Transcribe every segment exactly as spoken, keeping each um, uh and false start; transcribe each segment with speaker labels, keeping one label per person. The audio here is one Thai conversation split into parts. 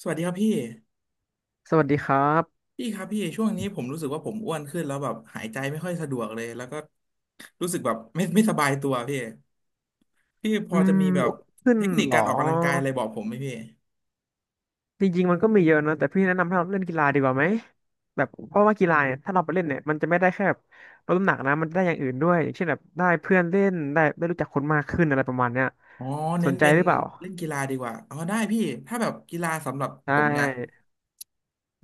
Speaker 1: สวัสดีครับพี่
Speaker 2: สวัสดีครับ
Speaker 1: พี่ครับพี่ช่วงนี้ผมรู้สึกว่าผมอ้วนขึ้นแล้วแบบหายใจไม่ค่อยสะดวกเลยแล้วก็รู้สึกแบบไม่ไม่สบายตัวพี่พี่พ
Speaker 2: อื
Speaker 1: อจะ
Speaker 2: ม
Speaker 1: มีแบบ
Speaker 2: อ้วนขึ้น
Speaker 1: เทคนิค
Speaker 2: เหร
Speaker 1: กา
Speaker 2: อ
Speaker 1: รออกกำลังกายอะไรบอกผมไหมพี่
Speaker 2: จริงๆมันก็มีเยอะนะแต่พี่แนะนำให้เราเล่นกีฬาดีกว่าไหมแบบเพราะว่ากีฬาเนี่ยถ้าเราไปเล่นเนี่ยมันจะไม่ได้แค่แบบลดน้ำหนักนะมันได้อย่างอื่นด้วยอย่างเช่นแบบได้เพื่อนเล่นได้ได้รู้จักคนมากขึ้นอะไรประมาณเนี้ย
Speaker 1: อ๋อ
Speaker 2: ส
Speaker 1: เน้น
Speaker 2: นใจ
Speaker 1: เป็น
Speaker 2: หรือเปล่า
Speaker 1: เล่นกีฬาดีกว่าอ๋อได้พี่ถ้าแบบกีฬาสำหรับ
Speaker 2: ใช่
Speaker 1: ผมเนี่ย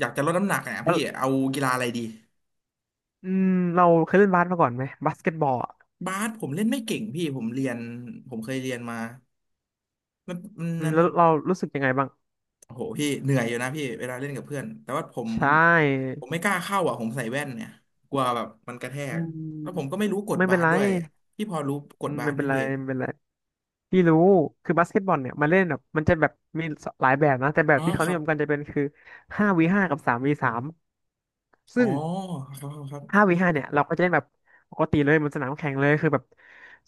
Speaker 1: อยากจะลดน้ำหนักเนี่ย
Speaker 2: แล้ว
Speaker 1: พี่เอากีฬาอะไรดี
Speaker 2: อืมเราเคยเล่นบาสมาก่อนไหมบาสเกตบอลอะ
Speaker 1: บาสผมเล่นไม่เก่งพี่ผมเรียนผมเคยเรียนมามัน
Speaker 2: อืม
Speaker 1: มัน
Speaker 2: แล้วเรารู้สึกยังไงบ้าง
Speaker 1: โอ้โหพี่เหนื่อยอยู่นะพี่เวลาเล่นกับเพื่อนแต่ว่าผม
Speaker 2: ใช่
Speaker 1: ผมไม่กล้าเข้าอ่ะผมใส่แว่นเนี่ยกลัวแบบมันกระแท
Speaker 2: อื
Speaker 1: ก
Speaker 2: ม
Speaker 1: แล้วผมก็ไม่รู้กด
Speaker 2: ไม่
Speaker 1: บา
Speaker 2: เป็น
Speaker 1: ส
Speaker 2: ไร
Speaker 1: ด้วยพี่พอรู้ก
Speaker 2: อื
Speaker 1: ด
Speaker 2: ม
Speaker 1: บา
Speaker 2: ไม่
Speaker 1: สไหม
Speaker 2: เป็นไร
Speaker 1: พี่
Speaker 2: ไม่เป็นไร พี่รู้คือบาสเกตบอลเนี่ยมันเล่นแบบมันจะแบบมีหลายแบบนะแต่แบบ
Speaker 1: อ๋อ
Speaker 2: ที่เขา
Speaker 1: ค
Speaker 2: นิ
Speaker 1: รั
Speaker 2: ย
Speaker 1: บ
Speaker 2: มกันจะเป็นคือห้าวีห้ากับสามวีสาม
Speaker 1: อ๋อ
Speaker 2: ซึ่ง
Speaker 1: ครับครับครับ
Speaker 2: ห้าวีห้าเนี่ยเราก็จะเล่นแบบปกติเลยบนสนามแข่งเลยคือแบบ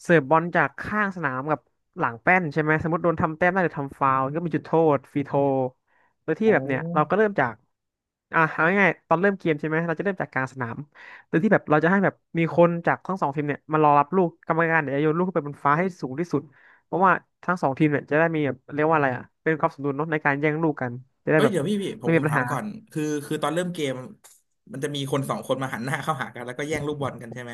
Speaker 2: เสิร์ฟบอลจากข้างสนามกับหลังแป้นใช่ไหมสมมติโดนทำแต้มได้หรือทำฟาวล์ก็มีจุดโทษฟรีโทโดย
Speaker 1: โ
Speaker 2: ที่แบบเนี่ยเราก็
Speaker 1: อ
Speaker 2: เริ่มจากอ่ะเอาง่ายๆตอนเริ่มเกมใช่ไหมเราจะเริ่มจากกลางสนามโดยที่แบบเราจะให้แบบมีคนจากทั้งสองทีมเนี่ยมารอรับลูกกรรมการเดี่ยวจะโยนลูกขึ้นไปบนฟ้าให้สูงที่สุดเพราะว่าทั้งสองทีมเนี่ยจะได้มีแบบเรียกว่าอะไรอ่ะเป็นความสมดุลเนาะในการแย่งลูกกันจะได้
Speaker 1: เอ้ย
Speaker 2: แบบ
Speaker 1: เดี๋ยวพี่พี่ผ
Speaker 2: ไม่
Speaker 1: มผ
Speaker 2: มี
Speaker 1: ม
Speaker 2: ปัญ
Speaker 1: ถาม
Speaker 2: หา
Speaker 1: ก่อนคือคือตอนเริ่มเกมมันจะมีคนสองคนมาหันหน้าเข้าหากันแล้วก็แย่งลูกบอลกันใช่ไหม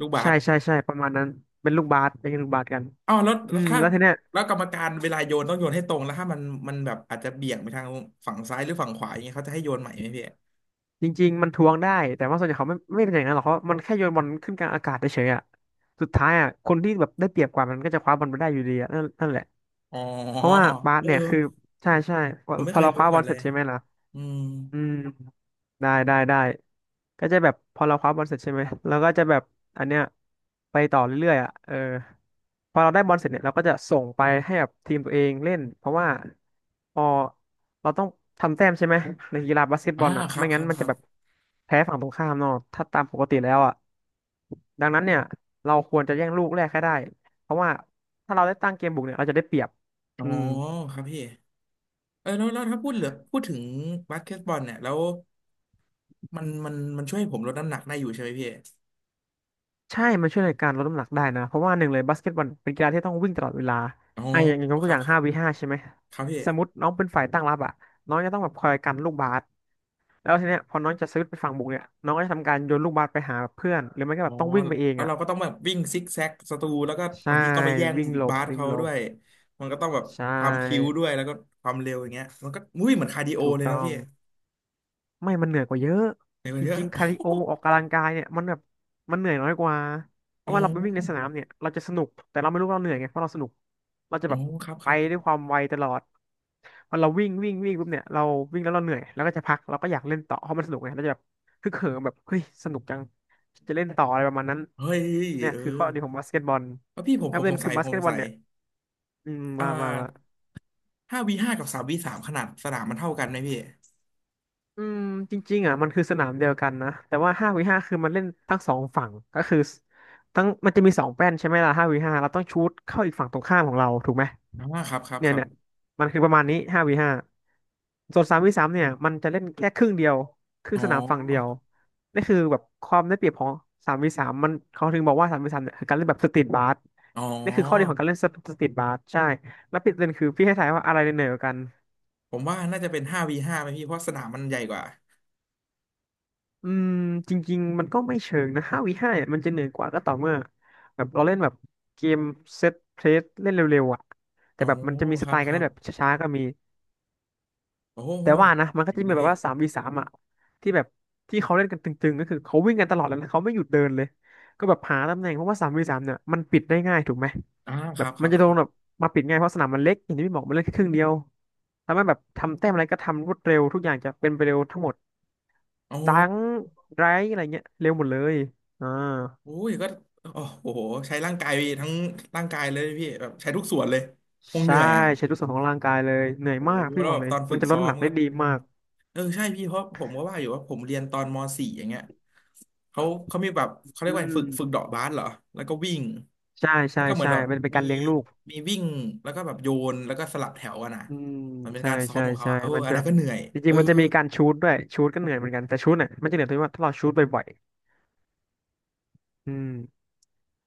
Speaker 1: ลูกบา
Speaker 2: ใช่
Speaker 1: ส
Speaker 2: ใช่ใช่ประมาณนั้นเป็นลูกบาสเป็นลูกบาสกกัน
Speaker 1: อ๋อาวแล้ว
Speaker 2: อื
Speaker 1: แล้ว
Speaker 2: ม
Speaker 1: ถ้า
Speaker 2: แล้วทีเนี้ย
Speaker 1: แล้วกรรมการเวลาโยนต้องโยนให้ตรงแล้วถ้ามันมันแบบอาจจะเบี่ยงไปทางฝั่งซ้ายหรือฝั่งขวาอย่างเงี้ยเขาจะให้โยนใหม่ไหมพี่
Speaker 2: จริงๆมันทวงได้แต่ว่าส่วนใหญ่เขาไม่ไม่เป็นอย่างนั้นหรอกเพราะมันแค่โยนบอลขึ้นกลางอากาศเฉยๆอ่ะสุดท้ายอ่ะคนที่แบบได้เปรียบกว่ามันก็จะคว้าบอลไปได้อยู่ดีอะนั่นนั่นแหละ
Speaker 1: อ๋อ
Speaker 2: เพราะว่าบาส
Speaker 1: เออ
Speaker 2: เนี่ยคือใช่ใช่พอ
Speaker 1: ผมไม่
Speaker 2: พอ
Speaker 1: เคย
Speaker 2: เราค
Speaker 1: รู้
Speaker 2: ว้า
Speaker 1: มา
Speaker 2: บ
Speaker 1: ก่อ
Speaker 2: อล
Speaker 1: นเล
Speaker 2: เสร็
Speaker 1: ย
Speaker 2: จใช่ไหมล่ะ
Speaker 1: อืม
Speaker 2: อืม ได้ได้ได้ก็จะแบบพอเราคว้าบอลเสร็จใช่ไหมเราก็จะแบบอันเนี้ยไปต่อเรื่อยๆอ่ะเออพอเราได้บอลเสร็จเนี่ยเราก็จะส่งไปให้กับทีมตัวเองเล่นเพราะว่าพอเราต้องทำแต้มใช่ไหมในกีฬาบาสเกตบ
Speaker 1: อ่า
Speaker 2: อลอ่ะ
Speaker 1: ครั
Speaker 2: ไม่
Speaker 1: บค
Speaker 2: งั้
Speaker 1: รั
Speaker 2: น
Speaker 1: บ
Speaker 2: มัน
Speaker 1: ค
Speaker 2: จะ
Speaker 1: รับ
Speaker 2: แบบแพ้ฝั่งตรงข้ามเนาะถ้าตามปกติแล้วอ่ะดังนั้นเนี่ยเราควรจะแย่งลูกแรกให้ได้เพราะว่าถ้าเราได้ตั้งเกมบุกเนี่ยเราจะได้เปรียบ
Speaker 1: อ๋อ
Speaker 2: อืม
Speaker 1: ครับพี่เออแล้วแล้วถ้าพูดเหลือพูดถึงบาสเกตบอลเนี่ยแล้วมันมันมันช่วยให้ผมลดน้ำหนักได้อยู่ใช่ไหมพี่
Speaker 2: ใช่ มันช่วยในการลดน้ำหนักได้นะ เพราะว่าหนึ่งเลยบาสเกตบอลเป็นกีฬาที่ต้องวิ่งตลอดเวลา
Speaker 1: อ๋อ
Speaker 2: ไอ้อย่างอย่างยก
Speaker 1: ค
Speaker 2: ตัว
Speaker 1: รั
Speaker 2: อ
Speaker 1: บ
Speaker 2: ย่าง
Speaker 1: ครั
Speaker 2: ห้า
Speaker 1: บ
Speaker 2: วีห้าใช่ไหม
Speaker 1: ครับพี่
Speaker 2: สมมติน้องเป็นฝ่ายตั้งรับอ่ะน้องจะต้องแบบคอยกันลูกบาสแล้วทีเนี้ยพอน้องจะซื้อไปฝั่งบุกเนี่ยน้องก็จะทำการโยนลูกบาสไปหาเพื่อน หรือไม่ก็
Speaker 1: อ๋
Speaker 2: แบ
Speaker 1: อ
Speaker 2: บต้องวิ่งไปเอง
Speaker 1: แล้ว
Speaker 2: อ่ะ
Speaker 1: เราก็ต้องแบบวิ่งซิกแซกสตูแล้วก็
Speaker 2: ใช่
Speaker 1: บางทีต้องไปแย่ง
Speaker 2: วิ่งหลบ
Speaker 1: บาส
Speaker 2: วิ่ง
Speaker 1: เขา
Speaker 2: หล
Speaker 1: ด้
Speaker 2: บ
Speaker 1: วยมันก็ต้องแบบ
Speaker 2: ใช
Speaker 1: ความพริ้ว
Speaker 2: ่
Speaker 1: ด้วยแล้วก็ความเร็วอย่างเงี้ยมันก็อุ้ยเหมือนคาร์ดิโอ
Speaker 2: ถูก
Speaker 1: เลยเนาะ
Speaker 2: ต้อง
Speaker 1: พี่
Speaker 2: ไม่มันเหนื่อยกว่าเยอะ
Speaker 1: เหมือ
Speaker 2: จ
Speaker 1: นเย อ
Speaker 2: ริงๆคาร์ดิโอ
Speaker 1: ะ
Speaker 2: ออกกำลังกายเนี่ยมันแบบมันเหนื่อยน้อยกว่าเพ
Speaker 1: โอ้
Speaker 2: ราะว่าเราไปวิ่งในส
Speaker 1: โห
Speaker 2: นามเนี่ยเราจะสนุกแต่เราไม่รู้ว่าเราเหนื่อยไงเพราะเราสนุกเราจะ
Speaker 1: โอ้
Speaker 2: แบบ
Speaker 1: ครับค
Speaker 2: ไป
Speaker 1: รับครั
Speaker 2: ด้วยค
Speaker 1: บ
Speaker 2: วามไวตลอดพอเราวิ่งวิ่งวิ่งปุ๊บเนี่ยเราวิ่งแล้วเราเหนื่อยแล้วก็จะพักเราก็อยากเล่นต่อเพราะมันสนุกไงเราจะแบบฮึกเหิมแบบเฮ้ยสนุกจังจะเล่นต่ออะไรประมาณนั้น
Speaker 1: เฮ้ย
Speaker 2: เนี่ย
Speaker 1: เออ
Speaker 2: คือข้อดีของบาสเกตบอล
Speaker 1: เออพี่ผม
Speaker 2: แล้ว
Speaker 1: ผ
Speaker 2: ป
Speaker 1: ม
Speaker 2: ระ
Speaker 1: ส
Speaker 2: เด็น
Speaker 1: ง
Speaker 2: คื
Speaker 1: สั
Speaker 2: อ
Speaker 1: ย
Speaker 2: บา
Speaker 1: ผ
Speaker 2: ส
Speaker 1: ม
Speaker 2: เก
Speaker 1: ส
Speaker 2: ต
Speaker 1: ง
Speaker 2: บอล
Speaker 1: สัย
Speaker 2: เนี่ยอืม
Speaker 1: อ่า
Speaker 2: มามามา
Speaker 1: ห้าวีห้ากับสามวีสามขนาดสนามมันเท่ากันไหมพี่
Speaker 2: อืมจริงๆอ่ะมันคือสนามเดียวกันนะแต่ว่าห้าวีห้าคือมันเล่นทั้งสองฝั่งก็คือทั้งมันจะมีสองแป้นใช่ไหมล่ะห้าวีห้าเราต้องชูตเข้าอีกฝั่งตรงข้ามของเราถูกไหม
Speaker 1: อ่าครับครับ
Speaker 2: เนี่
Speaker 1: ค
Speaker 2: ย
Speaker 1: รับ
Speaker 2: เนี่ยมันคือประมาณนี้ห้าวีห้าส่วนสามวีสามเนี่ยมันจะเล่นแค่ครึ่งเดียวครึ่ง
Speaker 1: อ๋
Speaker 2: สนามฝั่งเดียว
Speaker 1: อ
Speaker 2: นี่คือแบบความได้เปรียบของสามวีสามมันเขาถึงบอกว่าสามวีสามเนี่ยคือการเล่นแบบสตรีทบาส
Speaker 1: อ๋อ
Speaker 2: นี่คือข้อดีของการเล่นสตรีทบาสใช่แล้วปิดเล่นคือพี่ให้ทายว่าอะไรเหนือกว่ากัน
Speaker 1: ผมว่าน่าจะเป็นห้าวีห้าไหมพี่เพราะสนามมันใหญ่กว่า
Speaker 2: อืมจริงๆมันก็ไม่เชิงนะห้าวีห้ามันจะเหนื่อยกว่าก็ต่อเมื่อแบบเราเล่นแบบเกมเซตเพลสเล่นเร็วๆอ่ะแต่
Speaker 1: อ๋อ
Speaker 2: แบบมันจะมีส
Speaker 1: ครั
Speaker 2: ไต
Speaker 1: บ
Speaker 2: ล์
Speaker 1: ค
Speaker 2: การ
Speaker 1: รั
Speaker 2: เล่
Speaker 1: บ
Speaker 2: นแบบช้าๆก็มี
Speaker 1: โอ้โห
Speaker 2: แต่ว่านะมันก็
Speaker 1: ถึ
Speaker 2: จะ
Speaker 1: งเล
Speaker 2: มี
Speaker 1: ย
Speaker 2: แบ
Speaker 1: พี่
Speaker 2: บว่าสามวีสามอ่ะที่แบบที่เขาเล่นกันตึงๆก็คือเขาวิ่งกันตลอดแล้วนะเขาไม่หยุดเดินเลยก็แบบหาตำแหน่งเพราะว่าสามวีสามเนี่ยมันปิดได้ง่ายถูกไหม
Speaker 1: อ่าค
Speaker 2: แบ
Speaker 1: รั
Speaker 2: บ
Speaker 1: บค
Speaker 2: มั
Speaker 1: รั
Speaker 2: น
Speaker 1: บ
Speaker 2: จะโด
Speaker 1: ครั
Speaker 2: นแบบ
Speaker 1: บ
Speaker 2: มาปิดง่ายเพราะสนามมันเล็กอย่างที่พี่บอกมันเล่นแค่ครึ่งเดียวทำให้แบบทำแต้มอะไรก็ทำรวดเร็วทุกอย่างจะเป็นไปเร็วทั้งหมด ดัง
Speaker 1: โอ้
Speaker 2: ไรอะไรเงี้ยเร็วหมดเลยอ่า
Speaker 1: โอ้ยก็โอ้โหใช้ร่างกายทั้งร่างกายเลยพี่แบบใช้ทุกส่วนเลย คงเห
Speaker 2: ใช่
Speaker 1: นื่อยอ่ะ
Speaker 2: ใช้ทุกส่วนของร่างกายเลยเหนื่อย
Speaker 1: โอ้
Speaker 2: มากพี่
Speaker 1: แล้ว
Speaker 2: บอ
Speaker 1: แบ
Speaker 2: ก
Speaker 1: บ
Speaker 2: เล
Speaker 1: ต
Speaker 2: ย
Speaker 1: อนฝึ
Speaker 2: มัน
Speaker 1: ก
Speaker 2: จะลด
Speaker 1: ซ้อ
Speaker 2: น้ำห
Speaker 1: ม
Speaker 2: นัก
Speaker 1: ก็
Speaker 2: ได้ดี
Speaker 1: อืม
Speaker 2: มาก
Speaker 1: เออใช่พี่เพราะผมก็ว่าอยู่ว่าผมเรียนตอนมสี่อย่างเงี้ยเขาเขามีแบบเขาเรีย
Speaker 2: อื
Speaker 1: กว่าฝึกฝึก
Speaker 2: ม
Speaker 1: เดาะบาสเหรอแล้วก็วิ่ง
Speaker 2: ใช่
Speaker 1: แล้
Speaker 2: ใช่
Speaker 1: วก็เหมือน
Speaker 2: ใช่
Speaker 1: แบบ
Speaker 2: มันเป็น
Speaker 1: มี
Speaker 2: การเลี้ยงลูก
Speaker 1: มีวิ่งแล้วก็แบบโยนแล้วก็สลับแถวอะนะ
Speaker 2: อืม
Speaker 1: มันเป็น
Speaker 2: ใช่
Speaker 1: การซ้อม
Speaker 2: ใช่
Speaker 1: ของเขา
Speaker 2: ใช่
Speaker 1: อะเออ
Speaker 2: มัน
Speaker 1: อัน
Speaker 2: จะแบ
Speaker 1: นั้น
Speaker 2: บ
Speaker 1: ก็เหนื่อย
Speaker 2: จ
Speaker 1: เอ
Speaker 2: ริ
Speaker 1: อ
Speaker 2: งๆมันจะมีการชูตด้วยชูตก็เหนื่อยเหมือนกันแต่ชูตเนี่ยมันจะเหนื่อยตรงที่ว่าถ้าเราชูตบ่อยๆอืม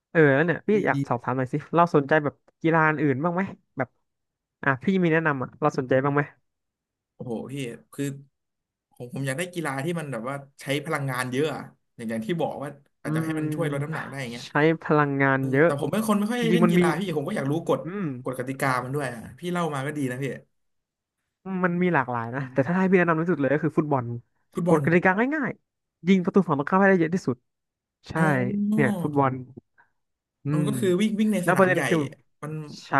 Speaker 2: เออแล้วเนี่ยพี่
Speaker 1: ดี
Speaker 2: อยากสอบ
Speaker 1: ดี
Speaker 2: ถามหน่อยสิเราสนใจแบบกีฬาอื่นบ้างไหมแบบอ่ะพี่มีแนะนำอ่ะเราสนใจบ้างไหม
Speaker 1: โอ้โหพี่คือผมผมอยากได้กีฬาที่มันแบบว่าใช้พลังงานเยอะอะอย่างอย่างที่บอกว่าอา
Speaker 2: อื
Speaker 1: จจะให้มันช่วยลดน้ำหนั
Speaker 2: ม
Speaker 1: กได้อย่างเงี้ย
Speaker 2: ใช้พลังงาน
Speaker 1: เออ
Speaker 2: เยอะ
Speaker 1: แต่ผมเป็นคนไม่ค่อย
Speaker 2: จริ
Speaker 1: เล่
Speaker 2: ง
Speaker 1: น
Speaker 2: ๆมัน
Speaker 1: กี
Speaker 2: มี
Speaker 1: ฬาพี่ผมก็อยากรู้กฎ
Speaker 2: อืม
Speaker 1: กฎกติกามันด้วยอ่ะพี่เล่ามาก็ดีนะพี่
Speaker 2: มันมีหลากหลาย
Speaker 1: อื
Speaker 2: นะ
Speaker 1: ม
Speaker 2: แต่ถ้าให้พี่แนะนำที่สุดเลยก็คือฟุตบอล
Speaker 1: ฟุตบ
Speaker 2: ก
Speaker 1: อ
Speaker 2: ฎ
Speaker 1: ล
Speaker 2: กติกาง่ายๆยิงประตูฝั่งตรงข้ามให้ได้เยอะที่สุดใช่
Speaker 1: อ๋อ
Speaker 2: เนี่ยฟุตบอลอื
Speaker 1: อ๋อ
Speaker 2: ม
Speaker 1: ก็คือวิ่งวิ่งใน
Speaker 2: แล้
Speaker 1: ส
Speaker 2: วป
Speaker 1: นา
Speaker 2: ระ
Speaker 1: ม
Speaker 2: เด็น
Speaker 1: ใหญ่
Speaker 2: คือ
Speaker 1: มัน
Speaker 2: ใช่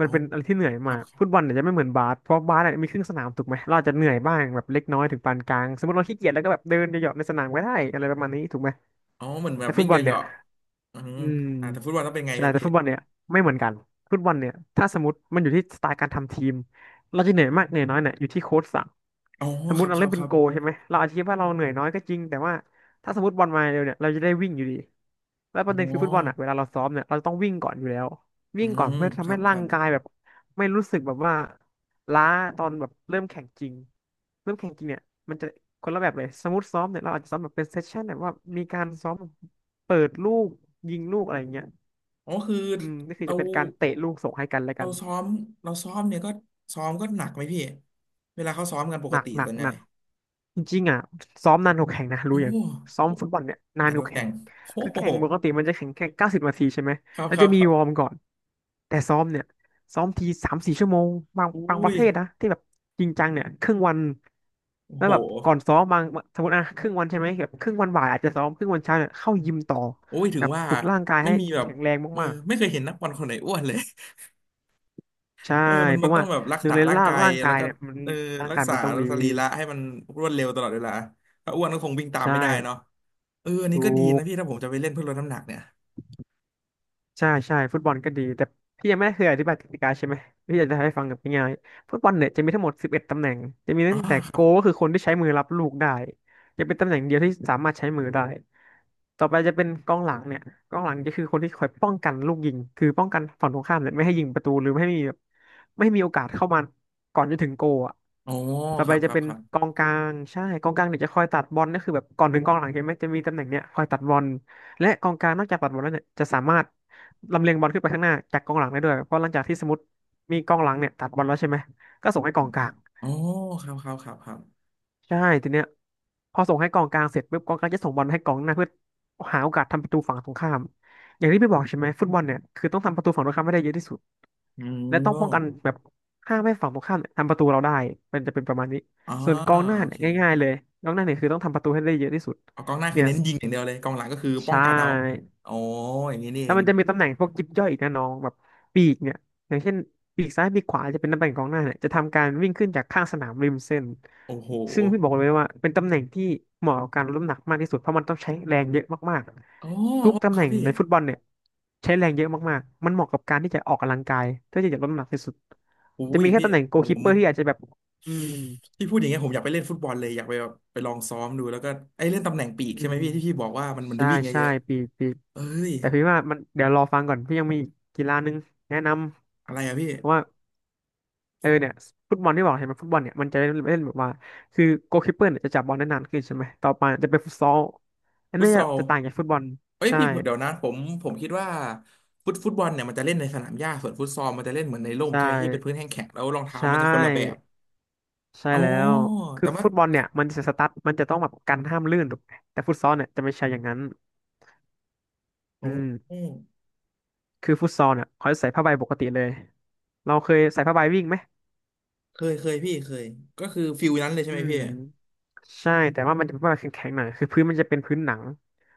Speaker 2: มั
Speaker 1: อ๋
Speaker 2: น
Speaker 1: อ
Speaker 2: เป็นอะไรที่เหนื่อย
Speaker 1: ค
Speaker 2: มา
Speaker 1: รับ
Speaker 2: ก
Speaker 1: ครั
Speaker 2: ฟุตบ
Speaker 1: บ
Speaker 2: อลเนี่ยจะไม่เหมือนบาสเพราะบาสเนี่ยมีครึ่งสนามถูกไหมเราอาจจะเหนื่อยบ้างแบบเล็กน้อยถึงปานกลางสมมติเราขี้เกียจแล้วก็แบบเดินเหยาะๆในสนามก็ได้อะไรประมาณนี้ถูกไหม
Speaker 1: อ๋อเหมือนแบ
Speaker 2: แต่
Speaker 1: บ
Speaker 2: ฟุ
Speaker 1: วิ่
Speaker 2: ต
Speaker 1: ง
Speaker 2: บอล
Speaker 1: เห
Speaker 2: เนี่ย
Speaker 1: ยาะๆอืม
Speaker 2: อืม
Speaker 1: อ่าแต่ฟุตบอลต้องเป็นไงค
Speaker 2: ใช่
Speaker 1: รับ
Speaker 2: แต่
Speaker 1: พี่
Speaker 2: ฟุตบอลเนี่ยไม่เหมือนกันฟุตบอลเนี่ยถ้าสมมติมันอยู่ที่สไตล์การทำทีมเราจะเหนื่อยมากเหนื่อยน้อยเนี่ยอยู่ที่โค้ชสั่ง
Speaker 1: อ๋อ
Speaker 2: สมม
Speaker 1: ครั
Speaker 2: ติ
Speaker 1: บ
Speaker 2: เรา
Speaker 1: ครั
Speaker 2: เล่
Speaker 1: บ
Speaker 2: น
Speaker 1: ค
Speaker 2: เป็น
Speaker 1: รับ
Speaker 2: โกลใช่ไหมเราอาจจะคิดว่าเราเหนื่อยน้อยก็จริงแต่ว่าถ้าสมมติบอลมาเร็วเนี่ยเราจะได้วิ่งอยู่ดีแล้วป
Speaker 1: อ๋อ
Speaker 2: ระเด็นคือฟุตบอลอ่ะเวลาเราซ้อมเนี่ยเราต้องวิ่งก่อนอยู่แล้ว
Speaker 1: อื
Speaker 2: วิ่งก่อน
Speaker 1: ม
Speaker 2: เพื่อ
Speaker 1: ค
Speaker 2: ทำ
Speaker 1: รั
Speaker 2: ให้
Speaker 1: บค
Speaker 2: ร่า
Speaker 1: รั
Speaker 2: ง
Speaker 1: บ
Speaker 2: กายแบบไม่รู้สึกแบบว่าล้าตอนแบบเริ่มแข่งจริงเริ่มแข่งจริงเนี่ยมันจะคนละแบบเลยสมมติซ้อมเนี่ยเราอาจจะซ้อมแบบเป็นเซสชั่นแบบว่ามีการซ้อมเปิดลูกยิงลูกอะไรอย่างเงี้ย
Speaker 1: อ๋อคือ
Speaker 2: อืมนี่คือ
Speaker 1: เรา
Speaker 2: จะเป็นการเตะลูกส่งให้กันและ
Speaker 1: เรา
Speaker 2: กัน
Speaker 1: ซ้อมเราซ้อมเนี่ยก็ซ้อมก็หนักไหมพี่เวลาเขาซ้อมกันป
Speaker 2: ห
Speaker 1: ก
Speaker 2: นัก
Speaker 1: ติ
Speaker 2: หนั
Speaker 1: ส่
Speaker 2: ก
Speaker 1: วนให
Speaker 2: ห
Speaker 1: ญ่
Speaker 2: นัก จริงๆอ่ะซ้อมนานกว่าแข่งนะ
Speaker 1: โอ้
Speaker 2: รู้อย่า
Speaker 1: โห
Speaker 2: งซ้อมฟุตบอลเนี่ยนา
Speaker 1: นั
Speaker 2: น
Speaker 1: ด
Speaker 2: ก
Speaker 1: ก็
Speaker 2: ว่า
Speaker 1: แข่
Speaker 2: แข่ง
Speaker 1: งโอ้
Speaker 2: คือแข่
Speaker 1: โห
Speaker 2: งปกติมันจะแข่งแค่เก้าสิบนาทีใช่ไหม
Speaker 1: ครับ
Speaker 2: แล้ว
Speaker 1: ครั
Speaker 2: จะ
Speaker 1: บค
Speaker 2: มี
Speaker 1: รั
Speaker 2: วอร์ม
Speaker 1: บ
Speaker 2: ก่อนแต่ซ้อมเนี่ยซ้อมทีสามสี่ชั่วโมงบาง
Speaker 1: อุ้
Speaker 2: บางประ
Speaker 1: ย
Speaker 2: เทศนะที่แบบจริงจังเนี่ยครึ่งวัน
Speaker 1: โอ้
Speaker 2: แล้ว
Speaker 1: โห
Speaker 2: แบบก่อนซ้อมบางสมมติอ่ะครึ่งวันใช่ไหมแบบครึ่งวันบ่ายอาจจะซ้อมครึ่งวันเช้าเนี่ยเข้ายิมต่อ
Speaker 1: โอ้ยถึ
Speaker 2: แบ
Speaker 1: ง
Speaker 2: บ
Speaker 1: ว่า
Speaker 2: ฝึกร่างกาย
Speaker 1: ไม่
Speaker 2: ให้
Speaker 1: มีแบบ
Speaker 2: แข็งแรง
Speaker 1: เออ
Speaker 2: มาก
Speaker 1: ไม่เคยเห็นนักบอลคนไหนอ้วนเลย
Speaker 2: ๆใช่
Speaker 1: เออมัน
Speaker 2: เพ
Speaker 1: มัน
Speaker 2: ราะ
Speaker 1: ต้อ
Speaker 2: ว่า
Speaker 1: งแบบรัก
Speaker 2: หนึ่ง
Speaker 1: ษา
Speaker 2: เลย
Speaker 1: ร่าง
Speaker 2: ร่าง
Speaker 1: กาย
Speaker 2: ร่าง
Speaker 1: แล้
Speaker 2: กา
Speaker 1: ว
Speaker 2: ย
Speaker 1: ก็
Speaker 2: เนี่ยมัน
Speaker 1: เออ
Speaker 2: ร่าง
Speaker 1: รัก
Speaker 2: กาย
Speaker 1: ษา
Speaker 2: มันต้องดี
Speaker 1: สรีระให้มันรวดเร็วตลอดเวลาถ้าอ้วนก็คงวิ่งตาม
Speaker 2: ใช่
Speaker 1: ไม่ได้เนาะเอออันนี้
Speaker 2: ถู
Speaker 1: ก็ดีนะพี่ถ้าผมจะไปเล่นเพื่อลดน้ำหนักเนี่ย
Speaker 2: ใช่ใช่ฟุตบอลก็ดีแต่พี่ยังไม่เคยอธิบายกติกาใช่ไหมพี่อยากจะให้ฟังแบบง่ายๆฟุตบอลเนี่ยจะมีทั้งหมดสิบเอ็ดตำแหน่งจะมี
Speaker 1: อ๋อ
Speaker 2: ตั้งแต่
Speaker 1: ค
Speaker 2: โก
Speaker 1: รั
Speaker 2: ลก็
Speaker 1: บ
Speaker 2: คือคนที่ใช้มือรับลูกได้จะเป็นตำแหน่งเดียวที่สามารถใช้มือได้ต่อไปจะเป็นกองหลังเนี่ยกองหลังก็คือคนที่คอยป้องกันลูกยิงคือป้องกันฝั่งตรงข้ามเนี่ยไม่ให้ยิงประตูหรือไม่ให้มีแบบไม่ให้มีโอกาสเข้ามาก่อนจะถึงโกลอ่ะ
Speaker 1: โอ้
Speaker 2: ต่อ
Speaker 1: ค
Speaker 2: ไป
Speaker 1: รับค
Speaker 2: จะ
Speaker 1: รับ
Speaker 2: เป็น
Speaker 1: ครับ
Speaker 2: กองกลางใช่กองกลางเนี่ยจะคอยตัดบอลก็คือแบบก่อนถึงกองหลังเห็นไหมจะมีตำแหน่งเนี่ยคอยตัดบอลและกองกลางนอกจากปัดบอลแล้วเนี่ยจะสามารถ ลำเลียงบอลขึ้นไปข้างหน้าจากกองหลังได้ด้วยเพราะหลังจากที่สมมติมีกองหลังเนี่ยตัดบอลแล้วใช่ไหมก็ส่งให้กองกลาง
Speaker 1: โอ้ครับครับครับครับ
Speaker 2: ใช่ทีเนี้ยพอส่งให้กองกลางเสร็จปุ๊บกองกลางจะส่งบอลให้กองหน้าเพื่อหาโอกาสทำประตูฝั่งตรงข้ามอย่างที่พี่บอกใช่ไหมฟุตบอลเนี่ยคือต้องทำประตูฝั่งตรงข้ามให้ได้เยอะที่สุด
Speaker 1: อื
Speaker 2: และ
Speaker 1: ม
Speaker 2: ต้องป้องกันแบบห้ามให้ฝั่งตรงข้ามเนี่ยทำประตูเราได้เป็นจะเป็นประมาณนี้
Speaker 1: อ๋อ
Speaker 2: ส่วนกองหน้า
Speaker 1: โอ
Speaker 2: เนี่ย
Speaker 1: เค
Speaker 2: ง่ายๆเลยกองหน้าเนี่ยคือต้องทำประตูให้ได้เยอะที่สุด
Speaker 1: เอากองหน้าคื
Speaker 2: เนี่
Speaker 1: อ
Speaker 2: ย
Speaker 1: เน้นยิงอย่างเดียวเลยกองหลังก็คือป้อ
Speaker 2: ใช่
Speaker 1: งกันเอาอ๋ออย่างนี้นี่
Speaker 2: แล้
Speaker 1: เอ
Speaker 2: ว
Speaker 1: ง
Speaker 2: มันจะมีตำแหน่งพวกยิบย่อยอีกนะน้องแบบปีกเนี่ยอย่างเช่นปีกซ้ายปีกขวาจะเป็นตำแหน่งกองหน้าเนี่ยจะทำการวิ่งขึ้นจากข้างสนามริมเส้น
Speaker 1: โอ้โห
Speaker 2: ซึ่งพี่บอกเลยว่าเป็นตำแหน่งที่เหมาะกับการรับน้ำหนักมากที่สุดเพราะมันต้องใช้แรงเยอะมาก
Speaker 1: อ๋อ
Speaker 2: ๆทุกตำ
Speaker 1: ค
Speaker 2: แห
Speaker 1: รับ
Speaker 2: น่ง
Speaker 1: พี่
Speaker 2: ในฟุตบอลเนี่ยใช้แรงเยอะมากๆมันเหมาะกับการที่จะออกกำลังกายเพื่อที่จะลดน้ำหนักที่สุด
Speaker 1: อุ้
Speaker 2: จะ
Speaker 1: ย
Speaker 2: มีแค่
Speaker 1: พี่
Speaker 2: ตำแหน่ง
Speaker 1: ผ
Speaker 2: โกล
Speaker 1: มผ
Speaker 2: คีป
Speaker 1: ม
Speaker 2: เปอร์ที่อาจจะแบบอืม
Speaker 1: พี่พูดอย่างเงี้ยผมอยากไปเล่นฟุตบอลเลยอยากไปแบบไปลองซ้อมดูแล้วก็ไอ้เล่นตำแหน่งปีก
Speaker 2: อื
Speaker 1: ใช่ไหม
Speaker 2: ม
Speaker 1: พี่ที่พี่บอกว่ามันมันได้
Speaker 2: ใช่
Speaker 1: วิ่งเย
Speaker 2: ใช่
Speaker 1: อะ
Speaker 2: ปีกปีก
Speaker 1: ๆเอ้ย
Speaker 2: แต่พี่ว่ามันเดี๋ยวรอฟังก่อนพี่ยังมีอีกกีฬานึงแนะน
Speaker 1: อะไรอะพี่
Speaker 2: ำว่า เออเนี่ยฟุตบอลที่บอกเห็นไหมฟุตบอลเนี่ยมันจะเล่นเล่นแบบว่าคือโกลคีปเปอร์เนี่ยจะจับบอลได้นานขึ้นใช่ไหมต่อไปจะเป็นฟุตซอลอัน
Speaker 1: ฟุ
Speaker 2: นี้
Speaker 1: ตซ
Speaker 2: จะ
Speaker 1: อล
Speaker 2: จะต่างจากฟุตบอล
Speaker 1: เอ้ย
Speaker 2: ใช่
Speaker 1: พี่เดี๋ยวนะผมผมคิดว่าฟุตฟุตบอลเนี่ยมันจะเล่นในสนามหญ้าส่วนฟุตซอลมันจะเล่นเหมือนในร่ม
Speaker 2: ใช่
Speaker 1: ใช่ไหมพี่เป็นพื้นแห้งแข็งแล้วรองเท้า
Speaker 2: ใช่
Speaker 1: มันจะคนละแบบ
Speaker 2: ใช่
Speaker 1: อ๋อ
Speaker 2: แล้วคื
Speaker 1: แต่
Speaker 2: อ
Speaker 1: ว่า
Speaker 2: ฟุตบอลเนี่ยมันจะสตั๊ดมันจะต้องแบบกันห้ามลื่นถูกไหมแต่ฟุตซอลเนี่ยจะไม่ใช่อย่างนั้นอื
Speaker 1: โอ้
Speaker 2: มคือฟุตซอลเนี่ยเขาจะใส่ผ้าใบปกติเลยเราเคยใส่ผ้าใบวิ่งไหม
Speaker 1: เคยเคยพี่เคยก็คือฟิลนั้นเลยใช่
Speaker 2: อื
Speaker 1: ไหมพี่
Speaker 2: มใช่แต่ว่ามันจะเป็นว่าแข็งๆหน่อยคือพื้นมันจะเป็นพื้นหนัง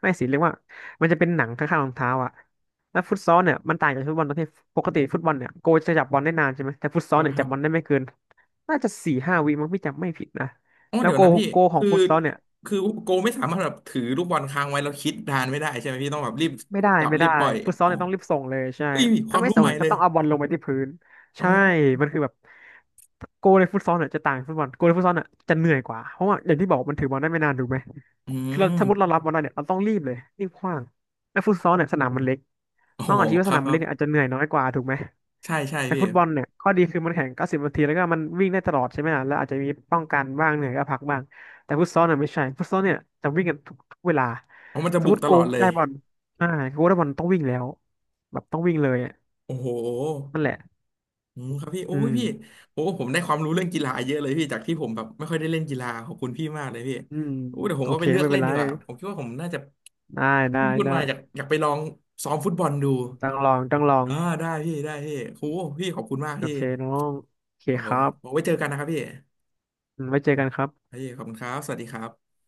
Speaker 2: ไม่สิเรียกว่ามันจะเป็นหนังข้างๆรองเท้าอ่ะแล้วฟุตซอลเนี่ยมันต่างจากฟุตบอลตรงที่ปกติฟุตบอลเนี่ยโกจะจับบอลได้นานใช่ไหมแต่ฟุตซ
Speaker 1: ค
Speaker 2: อล
Speaker 1: รับ
Speaker 2: เนี่ย
Speaker 1: ค
Speaker 2: จั
Speaker 1: รั
Speaker 2: บ
Speaker 1: บ
Speaker 2: บอลได้ไม่เกินน่าจะสี่ห้าวิมั้งพี่จำไม่ผิดนะ
Speaker 1: อ๋อ
Speaker 2: แล้ว
Speaker 1: เดี๋ยว
Speaker 2: โก
Speaker 1: นะพี่
Speaker 2: โกของ
Speaker 1: คือ
Speaker 2: ฟุตซอลเนี่ย
Speaker 1: คือโกไม่สามารถแบบถือลูกบอลค้างไว้แล้วคิดนานไม่ได้ใช่ไหมพี่ต้องแบบรีบ
Speaker 2: ไม่ได้
Speaker 1: จับ
Speaker 2: ไม่
Speaker 1: รี
Speaker 2: ได้
Speaker 1: บปล่อย
Speaker 2: ฟุตซอล
Speaker 1: อ๋อ
Speaker 2: เนี่ยต้องรีบส่งเลยใช่
Speaker 1: อุ้ยค
Speaker 2: ถ้า
Speaker 1: วาม
Speaker 2: ไม่
Speaker 1: รู้
Speaker 2: ส่ง
Speaker 1: ใหม่
Speaker 2: เนี่ย
Speaker 1: เล
Speaker 2: ก็
Speaker 1: ย
Speaker 2: ต้องเอาบอลลงไปที่พื้น
Speaker 1: อ๋
Speaker 2: ใช่
Speaker 1: อ
Speaker 2: มันคือแบบโกในฟุตซอลเนี่ยจะต่างจากฟุตบอลโกในฟุตซอลเนี่ยจะเหนื่อยกว่าเพราะว่าอย่างที่บอกมันถือบอลได้ไม่นานถูกไหม
Speaker 1: อื
Speaker 2: คือเราสมมติเรา
Speaker 1: ม
Speaker 2: รับบอลได้เนี่ยเราต้องรีบเลยรีบขว้างแต่ฟุตซอลเนี่ยสนามมันเล็ก
Speaker 1: โอ้โห
Speaker 2: น้องอาจจะคิด
Speaker 1: ค
Speaker 2: ว่าส
Speaker 1: รับ
Speaker 2: นาม
Speaker 1: ค
Speaker 2: มัน
Speaker 1: รั
Speaker 2: เล็
Speaker 1: บ
Speaker 2: กเนี่ยอาจจะเหนื่อยน้อยกว่าถูกไหม
Speaker 1: ใช่ใช่
Speaker 2: แต่
Speaker 1: พี่
Speaker 2: ฟุตบอลเนี่ยข้อดีคือมันแข่งเก้าสิบนาทีแล้วก็มันวิ่งได้ตลอดใช่ไหมล่ะแล้วอาจจะมีป้องกันบ้างเหนื่อยก็พักบ้างแต่ฟุตซอลเนี่ยไม่ใช่ฟุตซอลเนี่ยจะวิ่งกันทุกทุกเวลา
Speaker 1: อ๋อมันจะ
Speaker 2: สม
Speaker 1: บุ
Speaker 2: ม
Speaker 1: ก
Speaker 2: ติ
Speaker 1: ต
Speaker 2: โก
Speaker 1: ลอดเลย
Speaker 2: ได้บอลอ่าโกได้บอลต้องวิ่งแล้วแบบต้องวิ่งเลยอะ
Speaker 1: โอ้โห
Speaker 2: นั่นแหละ
Speaker 1: อืมครับพี่โอ้
Speaker 2: อื
Speaker 1: ย
Speaker 2: ม
Speaker 1: พี่โอ้ผมได้ความรู้เรื่องกีฬาเยอะเลยพี่จากที่ผมแบบไม่ค่อยได้เล่นกีฬาขอบคุณพี่มากเลยพี่
Speaker 2: อืม
Speaker 1: โอ้เดี๋ยวผม
Speaker 2: โอ
Speaker 1: ก็
Speaker 2: เค
Speaker 1: ไปเลือก
Speaker 2: ไม่เป็
Speaker 1: เล่
Speaker 2: น
Speaker 1: น
Speaker 2: ไร
Speaker 1: ดีกว่าผมคิดว่าผมน่าจะ
Speaker 2: ได้ได้
Speaker 1: ที่พี่พูด
Speaker 2: ได้
Speaker 1: มาอยากอยากไปลองซ้อมฟุตบอลดู
Speaker 2: ต้องลองต้องลอง
Speaker 1: อ่าได้พี่ได้พี่โอ้พี่ขอบคุณมาก
Speaker 2: โอ
Speaker 1: พี่
Speaker 2: เคน้องโอเค
Speaker 1: โอ้
Speaker 2: ครั
Speaker 1: ย
Speaker 2: บ
Speaker 1: บอกไว้เจอกันนะครับพี่
Speaker 2: อืมไว้เจอกันครับ
Speaker 1: พี่ ขอบคุณครับ สวัสดีครับ